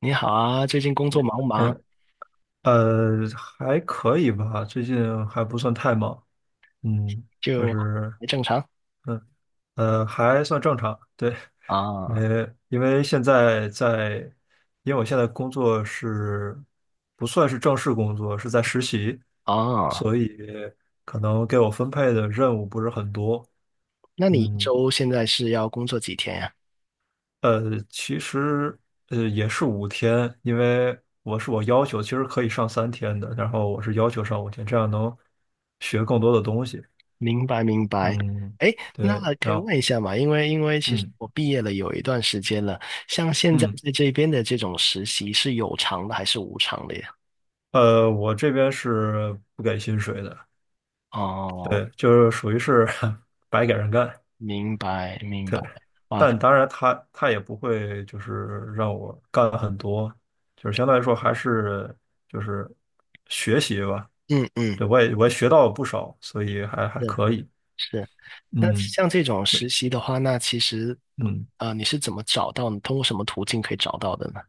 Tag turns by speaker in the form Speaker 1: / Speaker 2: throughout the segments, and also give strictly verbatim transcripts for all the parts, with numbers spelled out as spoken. Speaker 1: 你好啊，最近工作忙不忙？
Speaker 2: 嗯。呃，还可以吧，最近还不算太忙。嗯。就
Speaker 1: 就
Speaker 2: 是，
Speaker 1: 还正常
Speaker 2: 嗯。呃还算正常。对。
Speaker 1: 啊
Speaker 2: 呃，因为现在在，因为我现在工作是不算是正式工作，是在实习，
Speaker 1: 啊，
Speaker 2: 所以可能给我分配的任务不是很多。
Speaker 1: 那你一
Speaker 2: 嗯。
Speaker 1: 周现在是要工作几天呀？
Speaker 2: 呃，其实，呃也是五天，因为我是我要求，其实可以上三天的，然后我是要求上五天，这样能学更多的东西。
Speaker 1: 明白明白。
Speaker 2: 嗯，
Speaker 1: 哎，那
Speaker 2: 对。
Speaker 1: 可以
Speaker 2: 然后，
Speaker 1: 问一下嘛？因为因为其实
Speaker 2: 嗯
Speaker 1: 我毕业了有一段时间了，像现在
Speaker 2: 嗯。
Speaker 1: 在这边的这种实习是有偿的还是无偿的呀？
Speaker 2: 呃，我这边是不给薪水的。
Speaker 1: 哦，
Speaker 2: 对，就是属于是 白给人干。
Speaker 1: 明白明白。
Speaker 2: 对，
Speaker 1: 哇，
Speaker 2: 但当然他他也不会就是让我干很多，就是相对来说还是就是学习吧。
Speaker 1: 嗯嗯，
Speaker 2: 对，我也我也学到了不少，所以还还
Speaker 1: 是
Speaker 2: 可以。
Speaker 1: 是。那
Speaker 2: 嗯，
Speaker 1: 像这种
Speaker 2: 对，
Speaker 1: 实习的话，那其实
Speaker 2: 嗯。
Speaker 1: 呃你是怎么找到？你通过什么途径可以找到的呢？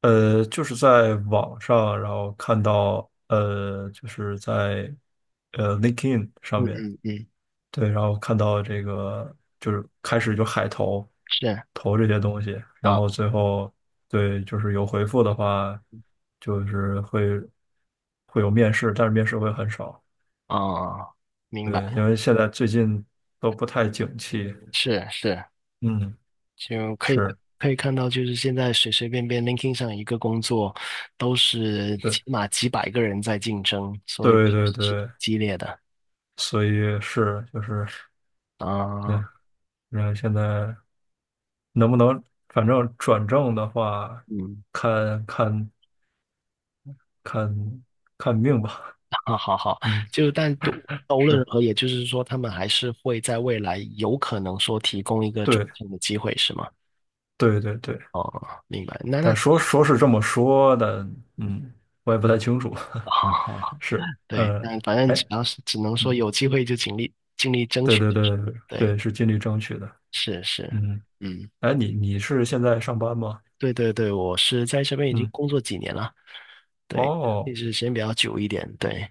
Speaker 2: 呃，就是在网上，然后看到，呃，就是在呃 LinkedIn 上
Speaker 1: 嗯
Speaker 2: 面。
Speaker 1: 嗯，
Speaker 2: 对，然后看到这个就是开始就海投，
Speaker 1: 是。
Speaker 2: 投这些东西，然
Speaker 1: 啊
Speaker 2: 后最后，对，就是有回复的话，就是会会有面试，但是面试会很少。
Speaker 1: 啊，明
Speaker 2: 对，
Speaker 1: 白，
Speaker 2: 因为现在最近都不太景气。
Speaker 1: 是是，就
Speaker 2: 嗯，
Speaker 1: 可以
Speaker 2: 是。
Speaker 1: 可以看到，就是现在随随便便 l i n k i n g 上一个工作，都是
Speaker 2: 对。
Speaker 1: 起码几百个人在竞争，所以
Speaker 2: 对
Speaker 1: 确
Speaker 2: 对
Speaker 1: 实是挺
Speaker 2: 对，
Speaker 1: 激烈的
Speaker 2: 所以是就是。对，
Speaker 1: 啊。
Speaker 2: 然后现在能不能，反正转正的话，
Speaker 1: 嗯，
Speaker 2: 看看看看命吧。
Speaker 1: 好好好，
Speaker 2: 嗯，
Speaker 1: 就但都都无论如
Speaker 2: 是，
Speaker 1: 何，也就是说，他们还是会在未来有可能说提供一个转
Speaker 2: 对
Speaker 1: 正的机会，是吗？
Speaker 2: 对对对。
Speaker 1: 哦，明白。那那
Speaker 2: 但
Speaker 1: 其
Speaker 2: 说
Speaker 1: 实，
Speaker 2: 说是这么说的。嗯，我也不太清楚。
Speaker 1: 好好 好，
Speaker 2: 是。
Speaker 1: 对，
Speaker 2: 呃，
Speaker 1: 但反正
Speaker 2: 哎，
Speaker 1: 只要是只能说
Speaker 2: 嗯，
Speaker 1: 有机会就尽力尽力争
Speaker 2: 对
Speaker 1: 取，
Speaker 2: 对
Speaker 1: 就是
Speaker 2: 对对，
Speaker 1: 对。
Speaker 2: 对，是尽力争取的。
Speaker 1: 是是，
Speaker 2: 嗯。
Speaker 1: 嗯，
Speaker 2: 哎，你你是现在上班吗？
Speaker 1: 对对对，我是在这边已经
Speaker 2: 嗯，
Speaker 1: 工作几年了，对，一
Speaker 2: 哦。
Speaker 1: 直时间比较久一点，对，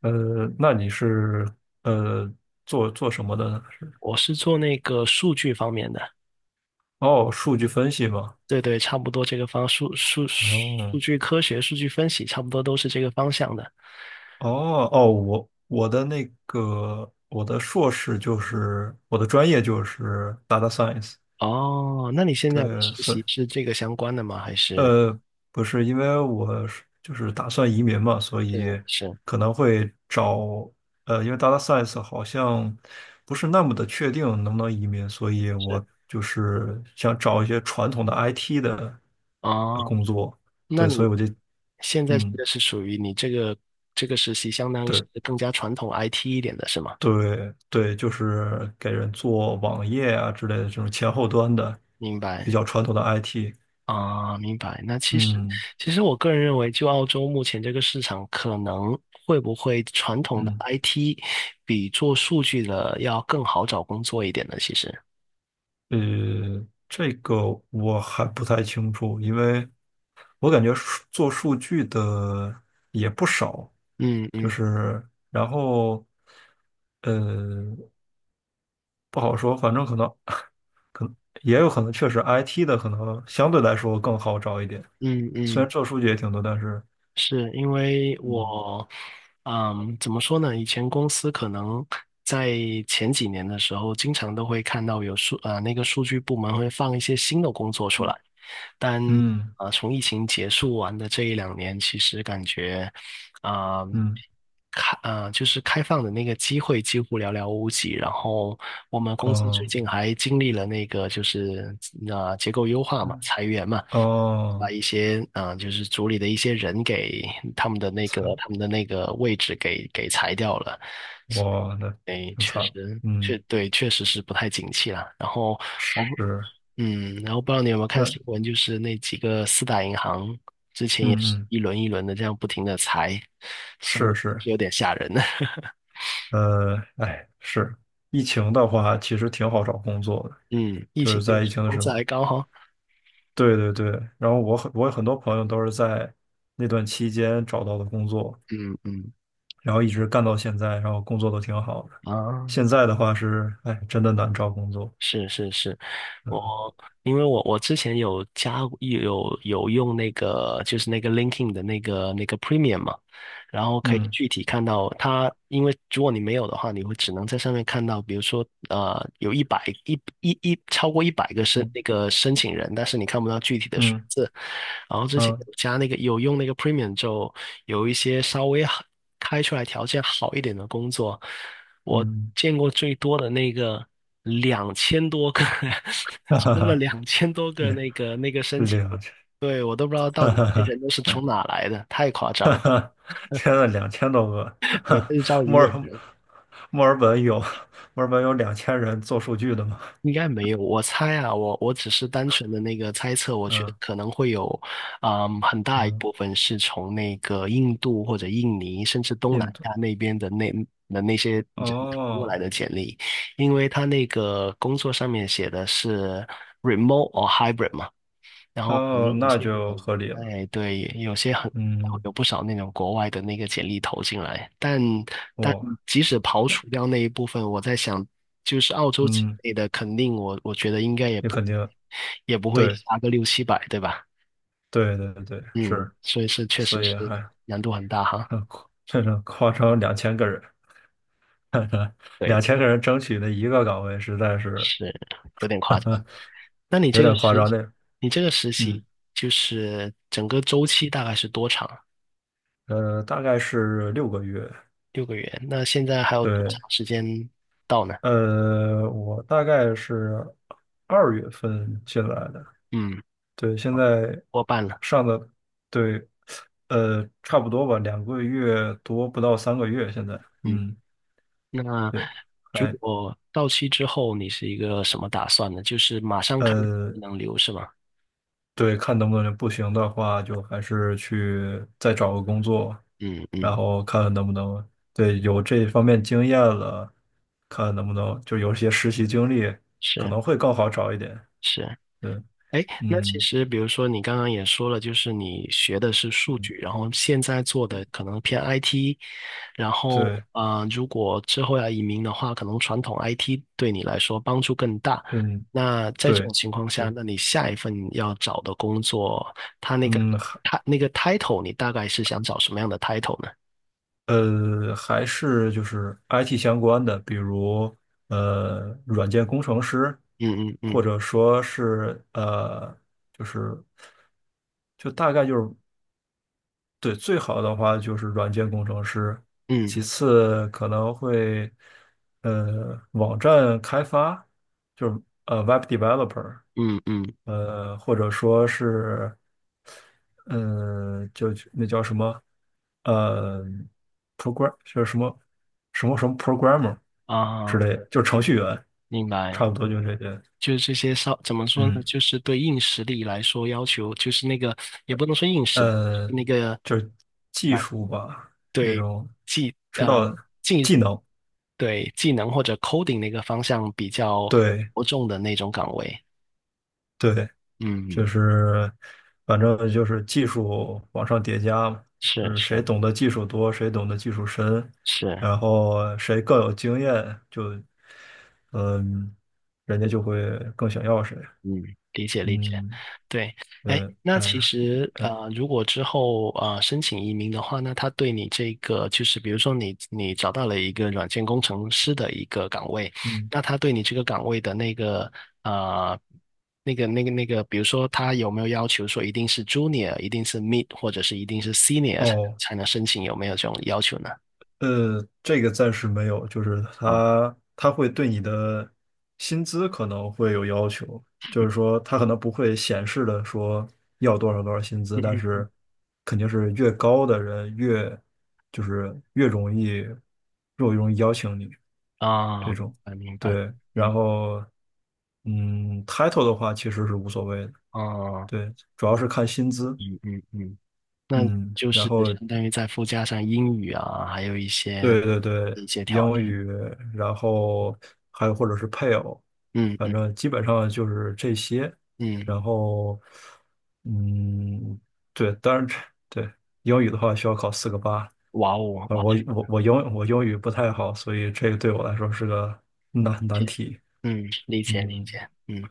Speaker 2: 呃，那你是呃做做什么的呢？
Speaker 1: 我是做那个数据方面的，
Speaker 2: 哦，数据分析嘛。
Speaker 1: 对对，差不多这个方数数数
Speaker 2: 哦
Speaker 1: 据科学、数据分析，差不多都是这个方向的。
Speaker 2: 哦哦，我我的那个我的硕士就是我的专业就是 data science。
Speaker 1: 哦，那你现在的
Speaker 2: 对，
Speaker 1: 实
Speaker 2: 所以
Speaker 1: 习是这个相关的吗？还是
Speaker 2: 呃不是，因为我是就是打算移民嘛，所
Speaker 1: 是
Speaker 2: 以
Speaker 1: 是
Speaker 2: 可能会找，呃，因为 data science 好像不是那么的确定能不能移民，所以
Speaker 1: 是
Speaker 2: 我就是想找一些传统的 I T 的呃
Speaker 1: 哦，
Speaker 2: 工作。
Speaker 1: 那
Speaker 2: 对，
Speaker 1: 你
Speaker 2: 所以我就，
Speaker 1: 现在这
Speaker 2: 嗯。
Speaker 1: 个是属于你这个这个实习，相当于是
Speaker 2: 对。
Speaker 1: 更加传统 I T 一点的是吗？
Speaker 2: 对对，就是给人做网页啊之类的这种前后端的
Speaker 1: 明
Speaker 2: 比
Speaker 1: 白。
Speaker 2: 较传统的 I T。
Speaker 1: 啊，明白。那其实，
Speaker 2: 嗯
Speaker 1: 其实我个人认为，就澳洲目前这个市场，可能会不会传统的
Speaker 2: 嗯。
Speaker 1: I T 比做数据的要更好找工作一点呢？其实，
Speaker 2: 呃，这个我还不太清楚，因为我感觉数做数据的也不少，
Speaker 1: 嗯
Speaker 2: 就
Speaker 1: 嗯
Speaker 2: 是，然后，呃不好说，反正可能可能也有可能确实 I T 的可能相对来说更好找一点，
Speaker 1: 嗯
Speaker 2: 虽然
Speaker 1: 嗯，
Speaker 2: 做数据也挺多，但是，
Speaker 1: 是因为
Speaker 2: 嗯
Speaker 1: 我，嗯，怎么说呢？以前公司可能在前几年的时候，经常都会看到有数，呃，那个数据部门会放一些新的工作出来。
Speaker 2: 嗯
Speaker 1: 但
Speaker 2: 嗯。
Speaker 1: 啊、呃从疫情结束完的这一两年，其实感觉啊、
Speaker 2: 嗯
Speaker 1: 开啊，就是开放的那个机会几乎寥寥无几。然后我们公司最
Speaker 2: 哦，
Speaker 1: 近还经历了那个就是呃、结构优化嘛，
Speaker 2: 嗯，
Speaker 1: 裁员嘛。
Speaker 2: 哦，
Speaker 1: 把一些啊，呃就是组里的一些人给他们的那个
Speaker 2: 惨，
Speaker 1: 他们的那个位置给给裁掉了，
Speaker 2: 哇，的，
Speaker 1: 哎，
Speaker 2: 挺
Speaker 1: 确
Speaker 2: 惨的。
Speaker 1: 实，确
Speaker 2: 嗯，
Speaker 1: 对，确实是不太景气啦。然后我不，
Speaker 2: 是，
Speaker 1: 嗯，然后不知道你有没有看
Speaker 2: 那，
Speaker 1: 新闻，就是那几个四大银行之前也是
Speaker 2: 嗯嗯，
Speaker 1: 一轮一轮的这样不停的裁，所
Speaker 2: 是
Speaker 1: 以
Speaker 2: 是。
Speaker 1: 有点吓人。
Speaker 2: 呃，哎，是，疫情的话，其实挺好找工作的，
Speaker 1: 嗯，疫
Speaker 2: 就
Speaker 1: 情
Speaker 2: 是
Speaker 1: 那个
Speaker 2: 在疫
Speaker 1: 时
Speaker 2: 情的
Speaker 1: 候工
Speaker 2: 时
Speaker 1: 资
Speaker 2: 候。
Speaker 1: 还高哈。
Speaker 2: 对对对，然后我很我有很多朋友都是在那段期间找到的工作，
Speaker 1: 嗯嗯
Speaker 2: 然后一直干到现在，然后工作都挺好的，
Speaker 1: 啊，
Speaker 2: 现在的话是，哎，真的难找工作。
Speaker 1: 是是是，我
Speaker 2: 嗯
Speaker 1: 因为我我之前有加有有用那个就是那个 LinkedIn 的那个那个 Premium 嘛，然后可以
Speaker 2: 嗯
Speaker 1: 具体看到它，因为如果你没有的话，你会只能在上面看到，比如说呃有一百一一一超过一百个申
Speaker 2: 嗯
Speaker 1: 那个申请人，但是你看不到具体的数
Speaker 2: 嗯
Speaker 1: 字，然后之前
Speaker 2: 嗯
Speaker 1: 有加那个有用那个 Premium 之后，有一些稍微好开出来条件好一点的工作，我
Speaker 2: 嗯，
Speaker 1: 见过最多的那个两千多个，
Speaker 2: 哈哈
Speaker 1: 收了
Speaker 2: 哈。
Speaker 1: 两千多个那 个那个申请，
Speaker 2: 两千，
Speaker 1: 对，我都不知道 到
Speaker 2: 哈
Speaker 1: 底
Speaker 2: 哈
Speaker 1: 这些
Speaker 2: 哈，
Speaker 1: 人都是从哪来的，太夸张
Speaker 2: 哈
Speaker 1: 了，
Speaker 2: 哈，天呐，两千多个，
Speaker 1: 对，
Speaker 2: 哈。
Speaker 1: 他就招一
Speaker 2: 墨
Speaker 1: 个
Speaker 2: 尔
Speaker 1: 人。
Speaker 2: 墨尔本有墨尔本有两千人做数据的吗？
Speaker 1: 应该没有，我猜啊，我我只是单纯的那个猜测，我觉得
Speaker 2: 嗯
Speaker 1: 可能会有，嗯，很大一
Speaker 2: 嗯，
Speaker 1: 部分是从那个印度或者印尼，甚至东南
Speaker 2: 印度，
Speaker 1: 亚那边的那的那些人投过来
Speaker 2: 哦
Speaker 1: 的简历，因为他那个工作上面写的是 remote or hybrid 嘛。然后可能
Speaker 2: 哦，
Speaker 1: 有
Speaker 2: 那
Speaker 1: 些人，
Speaker 2: 就合理了。
Speaker 1: 哎，对，有些很
Speaker 2: 嗯，
Speaker 1: 有不少那种国外的那个简历投进来，但但
Speaker 2: 哇，
Speaker 1: 即使刨除掉那一部分，我在想，就是澳洲境
Speaker 2: 嗯，
Speaker 1: 内的，肯定我我觉得应该也
Speaker 2: 你
Speaker 1: 不
Speaker 2: 肯定，
Speaker 1: 也不会
Speaker 2: 对
Speaker 1: 差个六七百，对吧？
Speaker 2: 对对对，
Speaker 1: 嗯，
Speaker 2: 是。
Speaker 1: 所以是确实
Speaker 2: 所以
Speaker 1: 是
Speaker 2: 还，
Speaker 1: 难度很大哈，
Speaker 2: 很夸这种夸张，两千个人，
Speaker 1: 对，
Speaker 2: 两千个人争取的一个岗位，实在是
Speaker 1: 是有点夸张。那你
Speaker 2: 有
Speaker 1: 这个
Speaker 2: 点夸
Speaker 1: 实，
Speaker 2: 张的。那，
Speaker 1: 你这个实习
Speaker 2: 嗯。
Speaker 1: 就是整个周期大概是多长？
Speaker 2: 呃，大概是六个月。
Speaker 1: 六个月，那现在还有多
Speaker 2: 对。
Speaker 1: 长时间到呢？
Speaker 2: 呃，我大概是二月份进来的。
Speaker 1: 嗯。
Speaker 2: 对，现在
Speaker 1: 过半了，
Speaker 2: 上的。对。呃，差不多吧，两个月多，不到三个月，现在，
Speaker 1: 嗯，
Speaker 2: 嗯，
Speaker 1: 那
Speaker 2: 对，
Speaker 1: 如
Speaker 2: 还。
Speaker 1: 果到期之后，你是一个什么打算呢？就是马上看
Speaker 2: 呃，
Speaker 1: 能留是吗？
Speaker 2: 对，看能不能。不行的话，就还是去再找个工作，
Speaker 1: 嗯
Speaker 2: 然
Speaker 1: 嗯，
Speaker 2: 后看看能不能，对，有这方面经验了，看能不能就有一些实习经历，可
Speaker 1: 是
Speaker 2: 能会更好找一点。
Speaker 1: 是，
Speaker 2: 对，
Speaker 1: 哎，那其
Speaker 2: 嗯。
Speaker 1: 实比如说你刚刚也说了，就是你学的是数据，
Speaker 2: 嗯。
Speaker 1: 然后现在做的可能偏 I T，然后
Speaker 2: 对，
Speaker 1: 呃，如果之后要移民的话，可能传统 I T 对你来说帮助更大。
Speaker 2: 嗯，
Speaker 1: 那在这
Speaker 2: 对，
Speaker 1: 种情况下，
Speaker 2: 对，
Speaker 1: 那你下一份要找的工作，它那个
Speaker 2: 嗯，还
Speaker 1: 它那个 title，你大概是想找什么样的 title 呢？
Speaker 2: 呃，还是就是 I T 相关的，比如，呃，软件工程师，
Speaker 1: 嗯嗯
Speaker 2: 或
Speaker 1: 嗯
Speaker 2: 者说是，呃，就是就大概就是，对，最好的话就是软件工程师，
Speaker 1: 嗯
Speaker 2: 其次可能会，呃，网站开发，就是，呃，web developer,
Speaker 1: 嗯嗯
Speaker 2: 呃，或者说是，嗯、呃就那叫什么，呃，program 就是什么什么什么 programmer 之
Speaker 1: 啊，
Speaker 2: 类的，就是程序员，
Speaker 1: 明白。
Speaker 2: 差不多就这些。
Speaker 1: 就是这些稍怎么说呢？
Speaker 2: 嗯。
Speaker 1: 就是对硬实力来说要求，就是那个也不能说硬实力，
Speaker 2: 呃，
Speaker 1: 那个
Speaker 2: 就是技
Speaker 1: 啊，
Speaker 2: 术吧，那
Speaker 1: 对
Speaker 2: 种
Speaker 1: 技
Speaker 2: 知
Speaker 1: 呃
Speaker 2: 道技能。
Speaker 1: 对技能或者 coding 那个方向比较
Speaker 2: 对
Speaker 1: 着重的那种岗位。
Speaker 2: 对，就
Speaker 1: 嗯，
Speaker 2: 是反正就是技术往上叠加嘛，就
Speaker 1: 是
Speaker 2: 是
Speaker 1: 是
Speaker 2: 谁懂得技术多，谁懂得技术深，
Speaker 1: 是。
Speaker 2: 然后谁更有经验，就，嗯，人家就会更想要谁。
Speaker 1: 嗯，理解理解，
Speaker 2: 嗯，
Speaker 1: 对，哎，
Speaker 2: 对，
Speaker 1: 那
Speaker 2: 哎
Speaker 1: 其
Speaker 2: 呀，
Speaker 1: 实
Speaker 2: 哎，
Speaker 1: 呃，如果之后呃申请移民的话，那他对你这个就是，比如说你你找到了一个软件工程师的一个岗位，
Speaker 2: 嗯，
Speaker 1: 那他对你这个岗位的那个呃那个那个那个，比如说他有没有要求说一定是 junior，一定是 mid，或者是一定是 senior 才
Speaker 2: 哦。
Speaker 1: 才能申请，有没有这种要求呢？
Speaker 2: 呃，这个暂时没有，就是
Speaker 1: 啊，
Speaker 2: 他他会对你的薪资可能会有要求，就是说他可能不会显示的说要多少多少薪资，但
Speaker 1: 嗯
Speaker 2: 是肯定是越高的人越，就是，越容易越容易邀请你
Speaker 1: 嗯
Speaker 2: 这种。
Speaker 1: 啊，明白，
Speaker 2: 对，
Speaker 1: 嗯，
Speaker 2: 然后，嗯，title 的话其实是无所谓的。
Speaker 1: 哦，
Speaker 2: 对，主要是看薪资。
Speaker 1: 嗯嗯嗯。那
Speaker 2: 嗯
Speaker 1: 就
Speaker 2: 然
Speaker 1: 是
Speaker 2: 后，
Speaker 1: 相当于再附加上英语啊，还有一些
Speaker 2: 对对对，
Speaker 1: 一些条
Speaker 2: 英
Speaker 1: 件。
Speaker 2: 语，然后还有或者是配偶，
Speaker 1: 嗯
Speaker 2: 反
Speaker 1: 嗯
Speaker 2: 正基本上就是这些。
Speaker 1: 嗯，
Speaker 2: 然后，嗯，对，当然，对，英语的话需要考四个八。
Speaker 1: 哇哦，
Speaker 2: 啊，
Speaker 1: 哇，
Speaker 2: 我
Speaker 1: 这
Speaker 2: 我
Speaker 1: 个
Speaker 2: 我英我英语不太好，所以这个对我来说是个难
Speaker 1: 理
Speaker 2: 难
Speaker 1: 解，
Speaker 2: 题。
Speaker 1: 嗯，理解理
Speaker 2: 嗯，
Speaker 1: 解，嗯，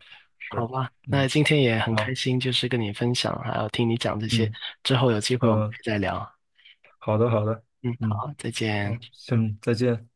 Speaker 1: 好
Speaker 2: 是，
Speaker 1: 吧，那
Speaker 2: 嗯，
Speaker 1: 今天也很开
Speaker 2: 好，
Speaker 1: 心，就是跟你分享，还有听你讲这些，
Speaker 2: 嗯
Speaker 1: 之后有机会我们
Speaker 2: 嗯。
Speaker 1: 可
Speaker 2: 呃
Speaker 1: 以再聊。
Speaker 2: 好的好的。
Speaker 1: 嗯，
Speaker 2: 嗯，
Speaker 1: 好，再
Speaker 2: 好，
Speaker 1: 见。
Speaker 2: 行，再见。